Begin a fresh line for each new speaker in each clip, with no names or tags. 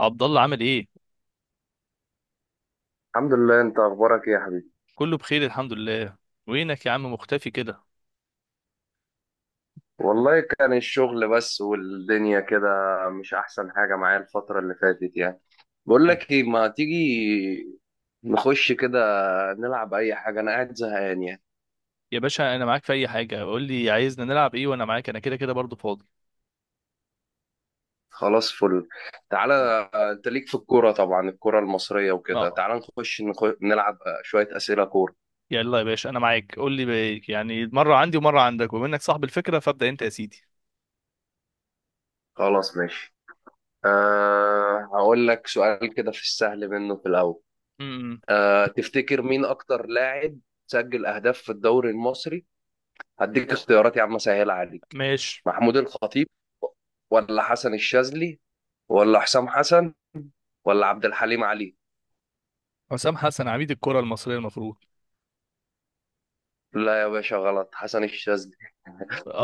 عبد الله عامل ايه؟
الحمد لله، انت اخبارك ايه يا حبيبي؟
كله بخير الحمد لله. وينك يا عم مختفي كده؟
والله كان الشغل بس، والدنيا كده. مش احسن حاجة معايا الفترة اللي فاتت يعني. بقول
حب-
لك ايه، ما تيجي نخش كده، نلعب اي حاجة، انا قاعد زهقان يعني.
يا باشا انا معاك في اي حاجه، قول لي عايزنا نلعب ايه وانا معاك، انا كده كده برضو فاضي.
خلاص، فل. تعالى. انت ليك في الكورة طبعا، الكورة المصرية
ما
وكده. تعالى نخش نلعب شوية أسئلة كورة.
يلا يا باشا انا معاك قول لي. يعني مره عندي ومره عندك، ومنك صاحب الفكره فابدا انت يا سيدي.
خلاص ماشي. هقول لك سؤال كده، في السهل منه في الأول.
امم
تفتكر مين أكتر لاعب سجل أهداف في الدوري المصري؟ هديك اختيارات يا عم، سهلة عليك.
ماشي.
محمود الخطيب، ولا حسن الشاذلي، ولا حسام حسن، ولا عبد الحليم علي؟
حسام حسن عميد الكره المصريه المفروض.
لا يا باشا، غلط. حسن الشاذلي.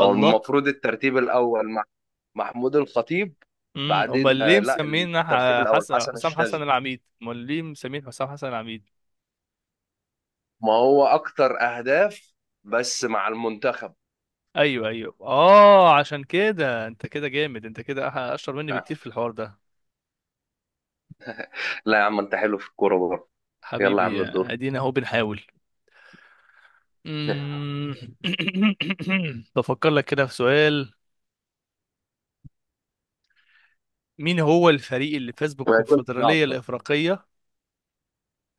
هو المفروض الترتيب الأول محمود الخطيب.
امم، امال
بعدين
ليه
لا،
مسمين
الترتيب الأول
حسن
حسن
حسام حسن
الشاذلي.
العميد؟ امال ليه مسمين حسام حسن العميد؟
ما هو أكتر أهداف، بس مع المنتخب.
ايوه ايوه، اه عشان كده انت كده جامد، انت كده اشطر مني بكتير
آه.
في الحوار ده.
لا يا عم، أنت حلو في الكورة برضه. يلا يا عم،
حبيبي
الدور.
ادينا اهو بنحاول. أمم. بفكر لك كده في سؤال. مين هو الفريق اللي فاز
ما كنت
بالكونفدرالية
صعب.
الإفريقية؟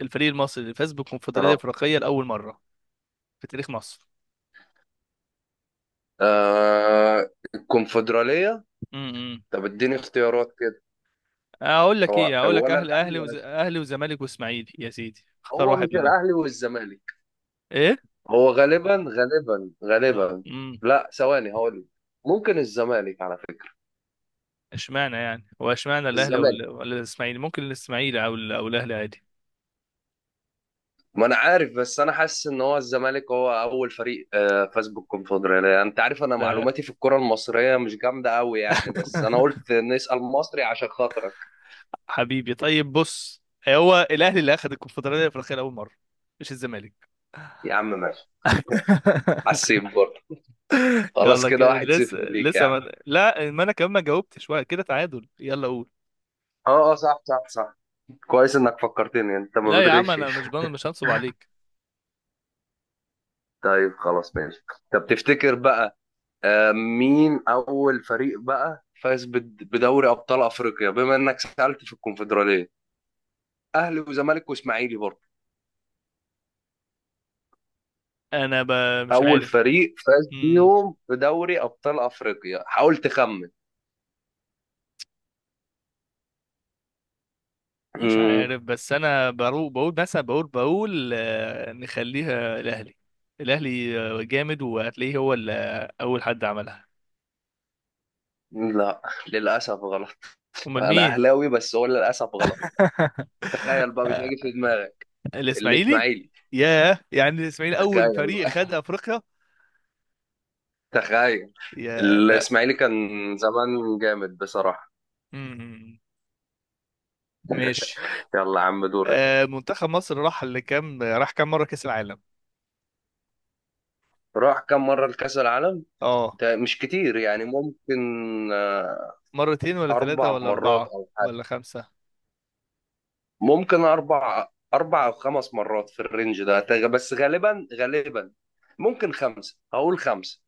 الفريق المصري اللي فاز بالكونفدرالية
اه.
الإفريقية لأول مرة في تاريخ مصر.
الكونفدرالية.
أمم.
طب اديني اختيارات.
اقول لك
هو
ايه، اقول لك
ولا
اهلي،
الاهلي ولا الزمالك.
اهلي وزمالك واسماعيلي، يا سيدي اختار
هو
واحد
مش
منهم.
الاهلي والزمالك؟
ايه؟
هو غالبا غالبا
لا،
غالبا
امم.
لا، ثواني هقول لك. ممكن الزمالك على فكره.
اشمعنى يعني، هو اشمعنى الاهلي،
الزمالك.
ولا الاسماعيلي؟ ممكن الاسماعيلي او او الاهلي عادي.
ما انا عارف، بس انا حاسس ان هو الزمالك هو اول فريق فاز بالكونفدراليه. انت عارف انا
لا.
معلوماتي في الكره المصريه مش جامده قوي يعني، بس انا قلت نسال مصري عشان خاطرك.
حبيبي طيب بص، هو الاهلي اللي اخذ الكونفدراليه الافريقيه لاول مره، مش الزمالك.
يا عم ماشي. حسيت برضه. خلاص
يلا
كده،
كده
واحد
لسه
صفر ليك يا
لسه
عم.
ما... لا، ما انا كمان ما جاوبتش، واحد كده تعادل، يلا قول.
اه، اه، صح، صح، صح. كويس انك فكرتني، انت ما
لا يا عم انا
بتغشش.
مش مش هنصب عليك.
طيب خلاص ماشي. طب تفتكر بقى مين أول فريق بقى فاز بدوري أبطال أفريقيا، بما إنك سألت في الكونفدرالية؟ أهلي وزمالك وإسماعيلي برضه.
انا ب... مش
أول
عارف.
فريق فاز
امم،
بيهم بدوري أبطال أفريقيا، حاولت أخمن.
مش
مم،
عارف، بس انا بقول بقول مثلا، بقول بقول آه، نخليها الاهلي. الاهلي آه، جامد وهتلاقيه هو اللي اول حد عملها.
لا، للأسف غلط.
امال
أنا
مين؟
أهلاوي، بس هو للأسف غلط. تخيل بقى، مش هيجي في دماغك.
الاسماعيلي؟
الإسماعيلي.
ياه، يعني الاسماعيلي اول
تخيل
فريق
بقى.
خد افريقيا؟
تخيل.
يا لا.
الإسماعيلي كان زمان جامد بصراحة.
امم ماشي.
يلا يا عم، دورك.
آه، منتخب مصر راح لكام، راح كام مره كاس العالم؟
راح كم مرة لكأس العالم؟
اه.
مش كتير يعني، ممكن آه،
مرتين ولا
أربع
ثلاثه ولا
مرات
اربعه
أو حاجة.
ولا خمسه؟
ممكن أربع. أربع أو خمس مرات في الرينج ده بس غالبا. ممكن خمسة، هقول خمسة.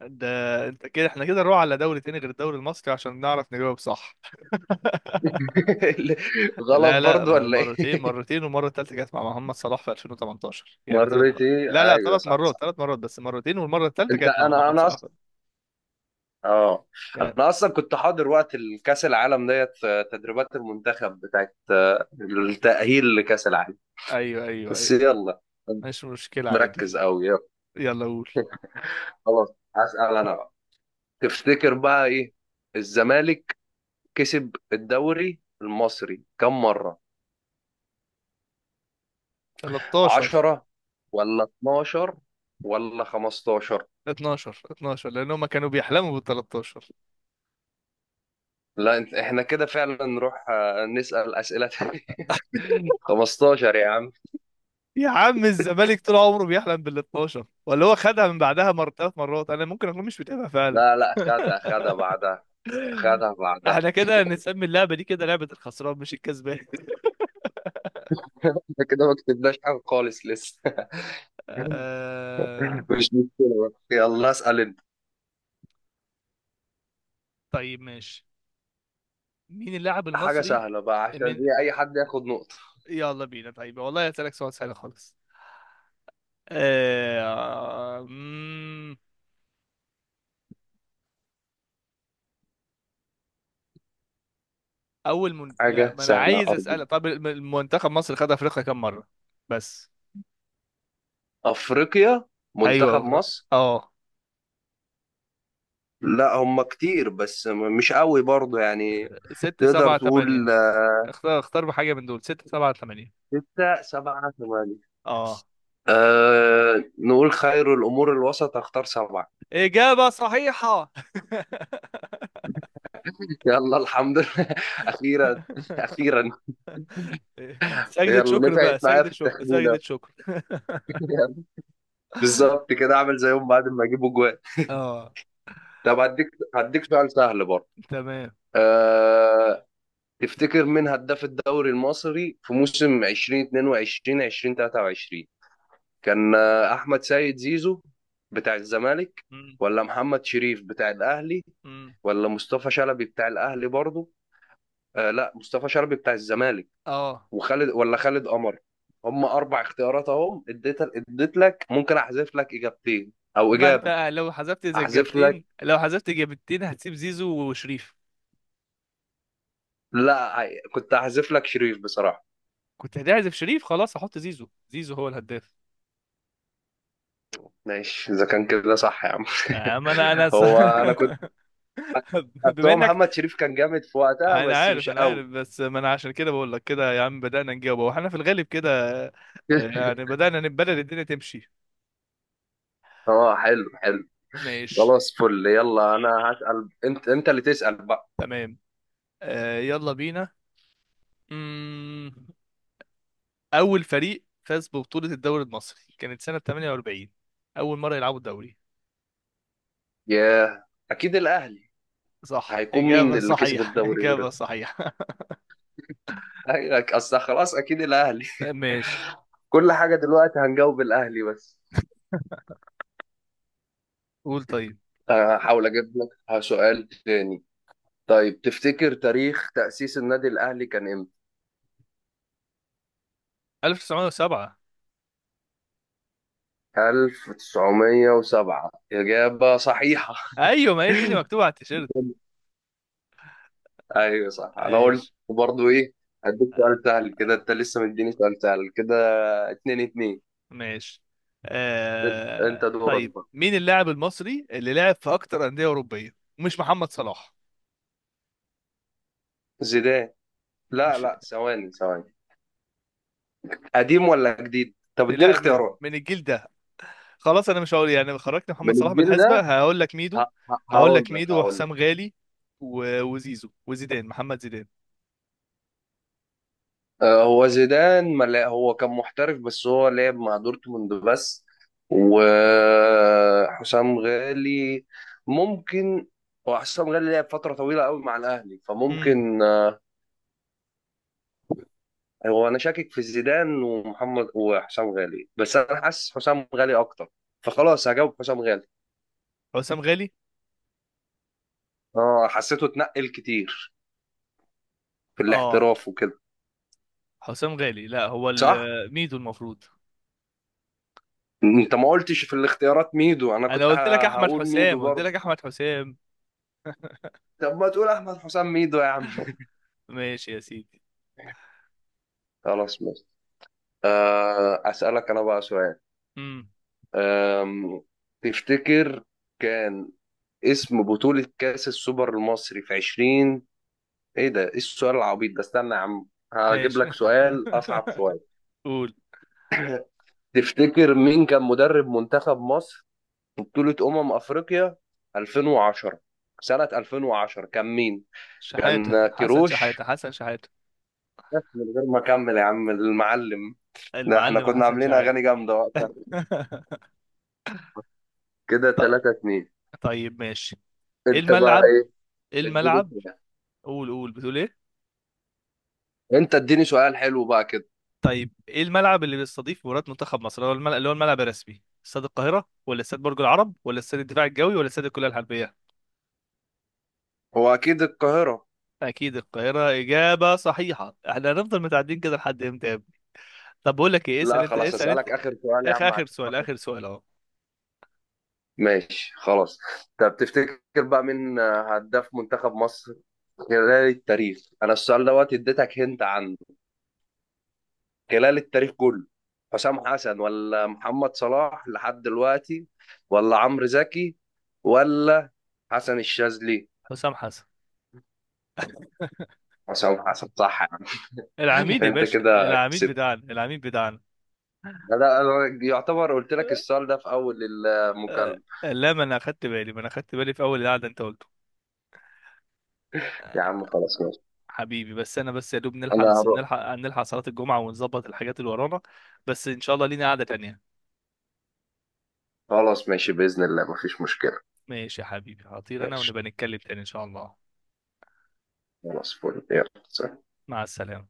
ده انت كده، احنا كده نروح على دوري تاني غير الدوري المصري عشان نعرف نجاوب صح.
غلط
لا لا،
برضو ولا إيه؟
مرتين، مرتين والمره الثالثه كانت مع محمد صلاح في 2018، يعني ثلاث مرات،
مرتي،
لا لا
أيوه
ثلاث
صح
مرات،
صح.
ثلاث مرات بس، مرتين والمره الثالثه
أنت،
كانت مع
أنا
محمد
أنا
صلاح
أصلا. اه.
يعني.
انا اصلا كنت حاضر وقت الكاس العالم ديت، تدريبات المنتخب بتاعت التأهيل لكاس العالم.
ايوه ايوه
بس
ايوه،
يلا.
مش مشكله عادي،
مركز قوي، يلا.
يلا قول.
خلاص. هسأل انا بقى. تفتكر بقى ايه، الزمالك كسب الدوري المصري كم مرة؟
13.
عشرة، ولا اتناشر، ولا خمستاشر؟
12، 12 لان هم كانوا بيحلموا بال 13.
لا احنا كده فعلا نروح نسأل أسئلة تانية. 15 يا عم.
يا عم الزمالك طول عمره بيحلم بال 12، ولا هو خدها من بعدها مر ثلاث مرات؟ انا ممكن اكون مش متابع فعلا.
لا، لا، خدها، خدها بعدها. خدها بعدها.
احنا كده نسمي اللعبه دي كده لعبه الخسران مش الكسبان.
احنا كده ما كتبناش حاجة خالص لسه. مش
آه،
مشكلة. بقى يلا اسأل انت.
طيب ماشي. مين اللاعب
حاجة
المصري
سهلة بقى عشان
من،
ايه اي حد ياخد نقطة.
يلا بينا، طيب والله هسألك سؤال سهل خالص. آه، مم. لا،
حاجة
ما انا
سهلة
عايز
أرجوك.
اسالك، طب المنتخب مصر خد افريقيا كام مره؟ بس.
أفريقيا.
ايوه
منتخب
افريقيا.
مصر.
اه.
لا، هم كتير، بس مش قوي برضو يعني.
ستة
تقدر
سبعة تمانية.
تقول
اختار اختار بحاجة من دول، ستة سبعة تمانية.
ستة، سبعة، ثمانية؟
اه.
أه، نقول خير الأمور الوسط، أختار سبعة.
إجابة صحيحة.
يلا الحمد لله. أخيرا. أخيرا.
سجدة
يلا
شكر بقى،
نفعت معايا
سجدة
في
شكر،
التخمينة.
سجدة شكر.
يلا. بالظبط كده، أعمل زيهم بعد ما أجيبوا جوان.
اه.
طب هديك، هديك سؤال سهل برضه.
تمام.
أه، تفتكر مين هداف الدوري المصري في موسم 2022 2023؟ كان احمد سيد زيزو بتاع الزمالك،
مم.
ولا محمد شريف بتاع الاهلي،
مم.
ولا مصطفى شلبي بتاع الاهلي برضه؟ لا، مصطفى شلبي بتاع الزمالك.
اه.
وخالد، ولا خالد قمر. هم اربع اختيارات اهم، اديت لك، ممكن احذف لك اجابتين او
اما
اجابه.
انت لو حذفت زي
احذف لك.
الجبتين، لو حذفت جبتين هتسيب زيزو وشريف.
لا كنت احذف لك شريف بصراحه.
كنت هتعزف شريف، خلاص هحط زيزو، زيزو هو الهداف.
ماشي، اذا كان كده صح يا عم.
آه، ما انا
هو انا كنت، أصل
بما
هو
انك.
محمد شريف كان جامد في وقتها،
انا
بس
عارف
مش
انا
قوي.
عارف، بس ما انا عشان كده بقول لك كده يا عم، بدأنا نجاوب واحنا في الغالب كده. آه، يعني بدأنا نبدأ الدنيا تمشي.
اه، حلو حلو.
ماشي.
خلاص فل، يلا انا هسأل. انت اللي تسأل بقى.
تمام. آه، يلا بينا. مم، اول فريق فاز ببطولة الدوري المصري كانت سنة 48، اول مرة يلعبوا الدوري.
ياه. اكيد الاهلي.
صح،
هيكون مين
إجابة
اللي كسب
صحيحة.
الدوري غير
إجابة
ده؟
صحيحة.
أيوة، اصل خلاص اكيد الاهلي.
ماشي.
كل حاجة دلوقتي هنجاوب الاهلي بس.
قول طيب.
هحاول اجيب لك سؤال تاني. طيب تفتكر تاريخ تأسيس النادي الاهلي كان امتى؟
1907.
1907 إجابة صحيحة.
ايوه، ما هي دي اللي مكتوبة على التيشيرت.
أيوة صح، أنا قلت
ايش؟
برضو إيه. هديك سؤال سهل كده، أنت لسه مديني سؤال سهل كده. اتنين اتنين.
ماشي.
أنت
آه،
دورك
طيب
بقى.
مين اللاعب المصري اللي لعب في اكتر انديه اوروبيه، ومش محمد صلاح؟
زيدان. لا،
مش.
لا، ثواني ثواني. قديم ولا جديد؟ طب اديني
لا
اختيارات.
من الجيل ده. خلاص انا مش هقول يعني، خرجت محمد
من
صلاح من
الجيل
الحسبه،
ده.
هقول لك ميدو. هقول
هقول
لك
لك
ميدو
هقول
وحسام
لك
غالي وزيزو وزيدان، محمد زيدان.
هو زيدان ما لا- هو كان محترف، بس هو لعب مع دورتموند بس. وحسام غالي، ممكن. هو حسام غالي لعب فترة طويلة قوي مع الأهلي،
امم.
فممكن هو أنا شاكك في زيدان ومحمد وحسام غالي، بس أنا حاسس حسام غالي أكتر. فخلاص هجاوب حسام غالي.
حسام غالي.
اه، حسيته اتنقل كتير في
اه،
الاحتراف وكده.
حسام غالي لا،
صح؟
ميدو المفروض.
انت ما قلتش في الاختيارات ميدو، انا
انا
كنت
قلت لك احمد
هقول
حسام،
ميدو
قلت
برضه.
لك احمد حسام.
طب ما تقول احمد حسام ميدو يا عم.
ماشي يا سيدي.
خلاص ماشي. اسالك انا بقى سؤال.
امم
آم، تفتكر كان اسم بطولة كأس السوبر المصري في 20، ايه ده؟ ايه السؤال العبيط ده؟ استنى يا عم، هجيب
ماشي.
لك سؤال اصعب شوية.
قول.
تفتكر مين كان مدرب منتخب مصر في بطولة افريقيا 2010؟ سنة 2010 كان مين؟
شحاتة،
كان
حسن شحاتة،
كيروش،
حسن شحاتة.
بس من غير ما اكمل يا عم، المعلم. ده احنا
المعلم
كنا
حسن
عاملين
شحاتة.
اغاني جامده وقتها. كده
ط-
3-2.
طيب ماشي. ايه
انت بقى
الملعب،
ايه؟
ايه
اديني
الملعب؟
كده.
قول قول، بتقول ايه؟
انت اديني سؤال حلو بقى كده.
طيب ايه الملعب اللي بيستضيف مباراة منتخب مصر، اللي هو الملعب، اللي هو الملعب الرسمي، استاد القاهرة ولا استاد برج العرب ولا استاد الدفاع الجوي ولا استاد الكلية الحربية؟
هو اكيد القاهره.
اكيد القاهرة، اجابة صحيحة. احنا هنفضل متعدين كده لحد امتى يا ابني؟ طب بقول لك ايه، اسأل
لا
انت،
خلاص،
اسأل انت.
اسالك اخر سؤال يا
اخر،
عم
اخر
عشان
سؤال،
خاطر-
اخر سؤال اهو.
ماشي خلاص. طب تفتكر بقى مين هداف منتخب مصر خلال التاريخ؟ انا السؤال دوت اديتك هنت عنه. خلال التاريخ كله. حسام حسن، ولا محمد صلاح لحد دلوقتي، ولا عمرو زكي، ولا حسن الشاذلي؟
حسام حسن.
عشان صح يا عم.
العميد يا
انت
باشا،
كده
العميد
كسبت.
بتاعنا، العميد بتاعنا.
لا، لا، انا يعتبر قلت لك السؤال ده في اول
آه،
المكالمة.
لا، ما انا اخدت بالي، ما انا اخدت بالي في اول القعده انت قلته.
يا عم خلاص ماشي.
حبيبي بس، انا بس يا دوب نلحق
انا هروح.
نلحق نلحق صلاه الجمعه، ونظبط الحاجات اللي ورانا. بس ان شاء الله لينا قعده تانية.
خلاص ماشي، بإذن الله مفيش مشكلة.
ماشي يا حبيبي، هطير انا
ماشي
ونبقى نتكلم تاني ان شاء الله.
خلاص فل، يلا سلام.
مع السلامه.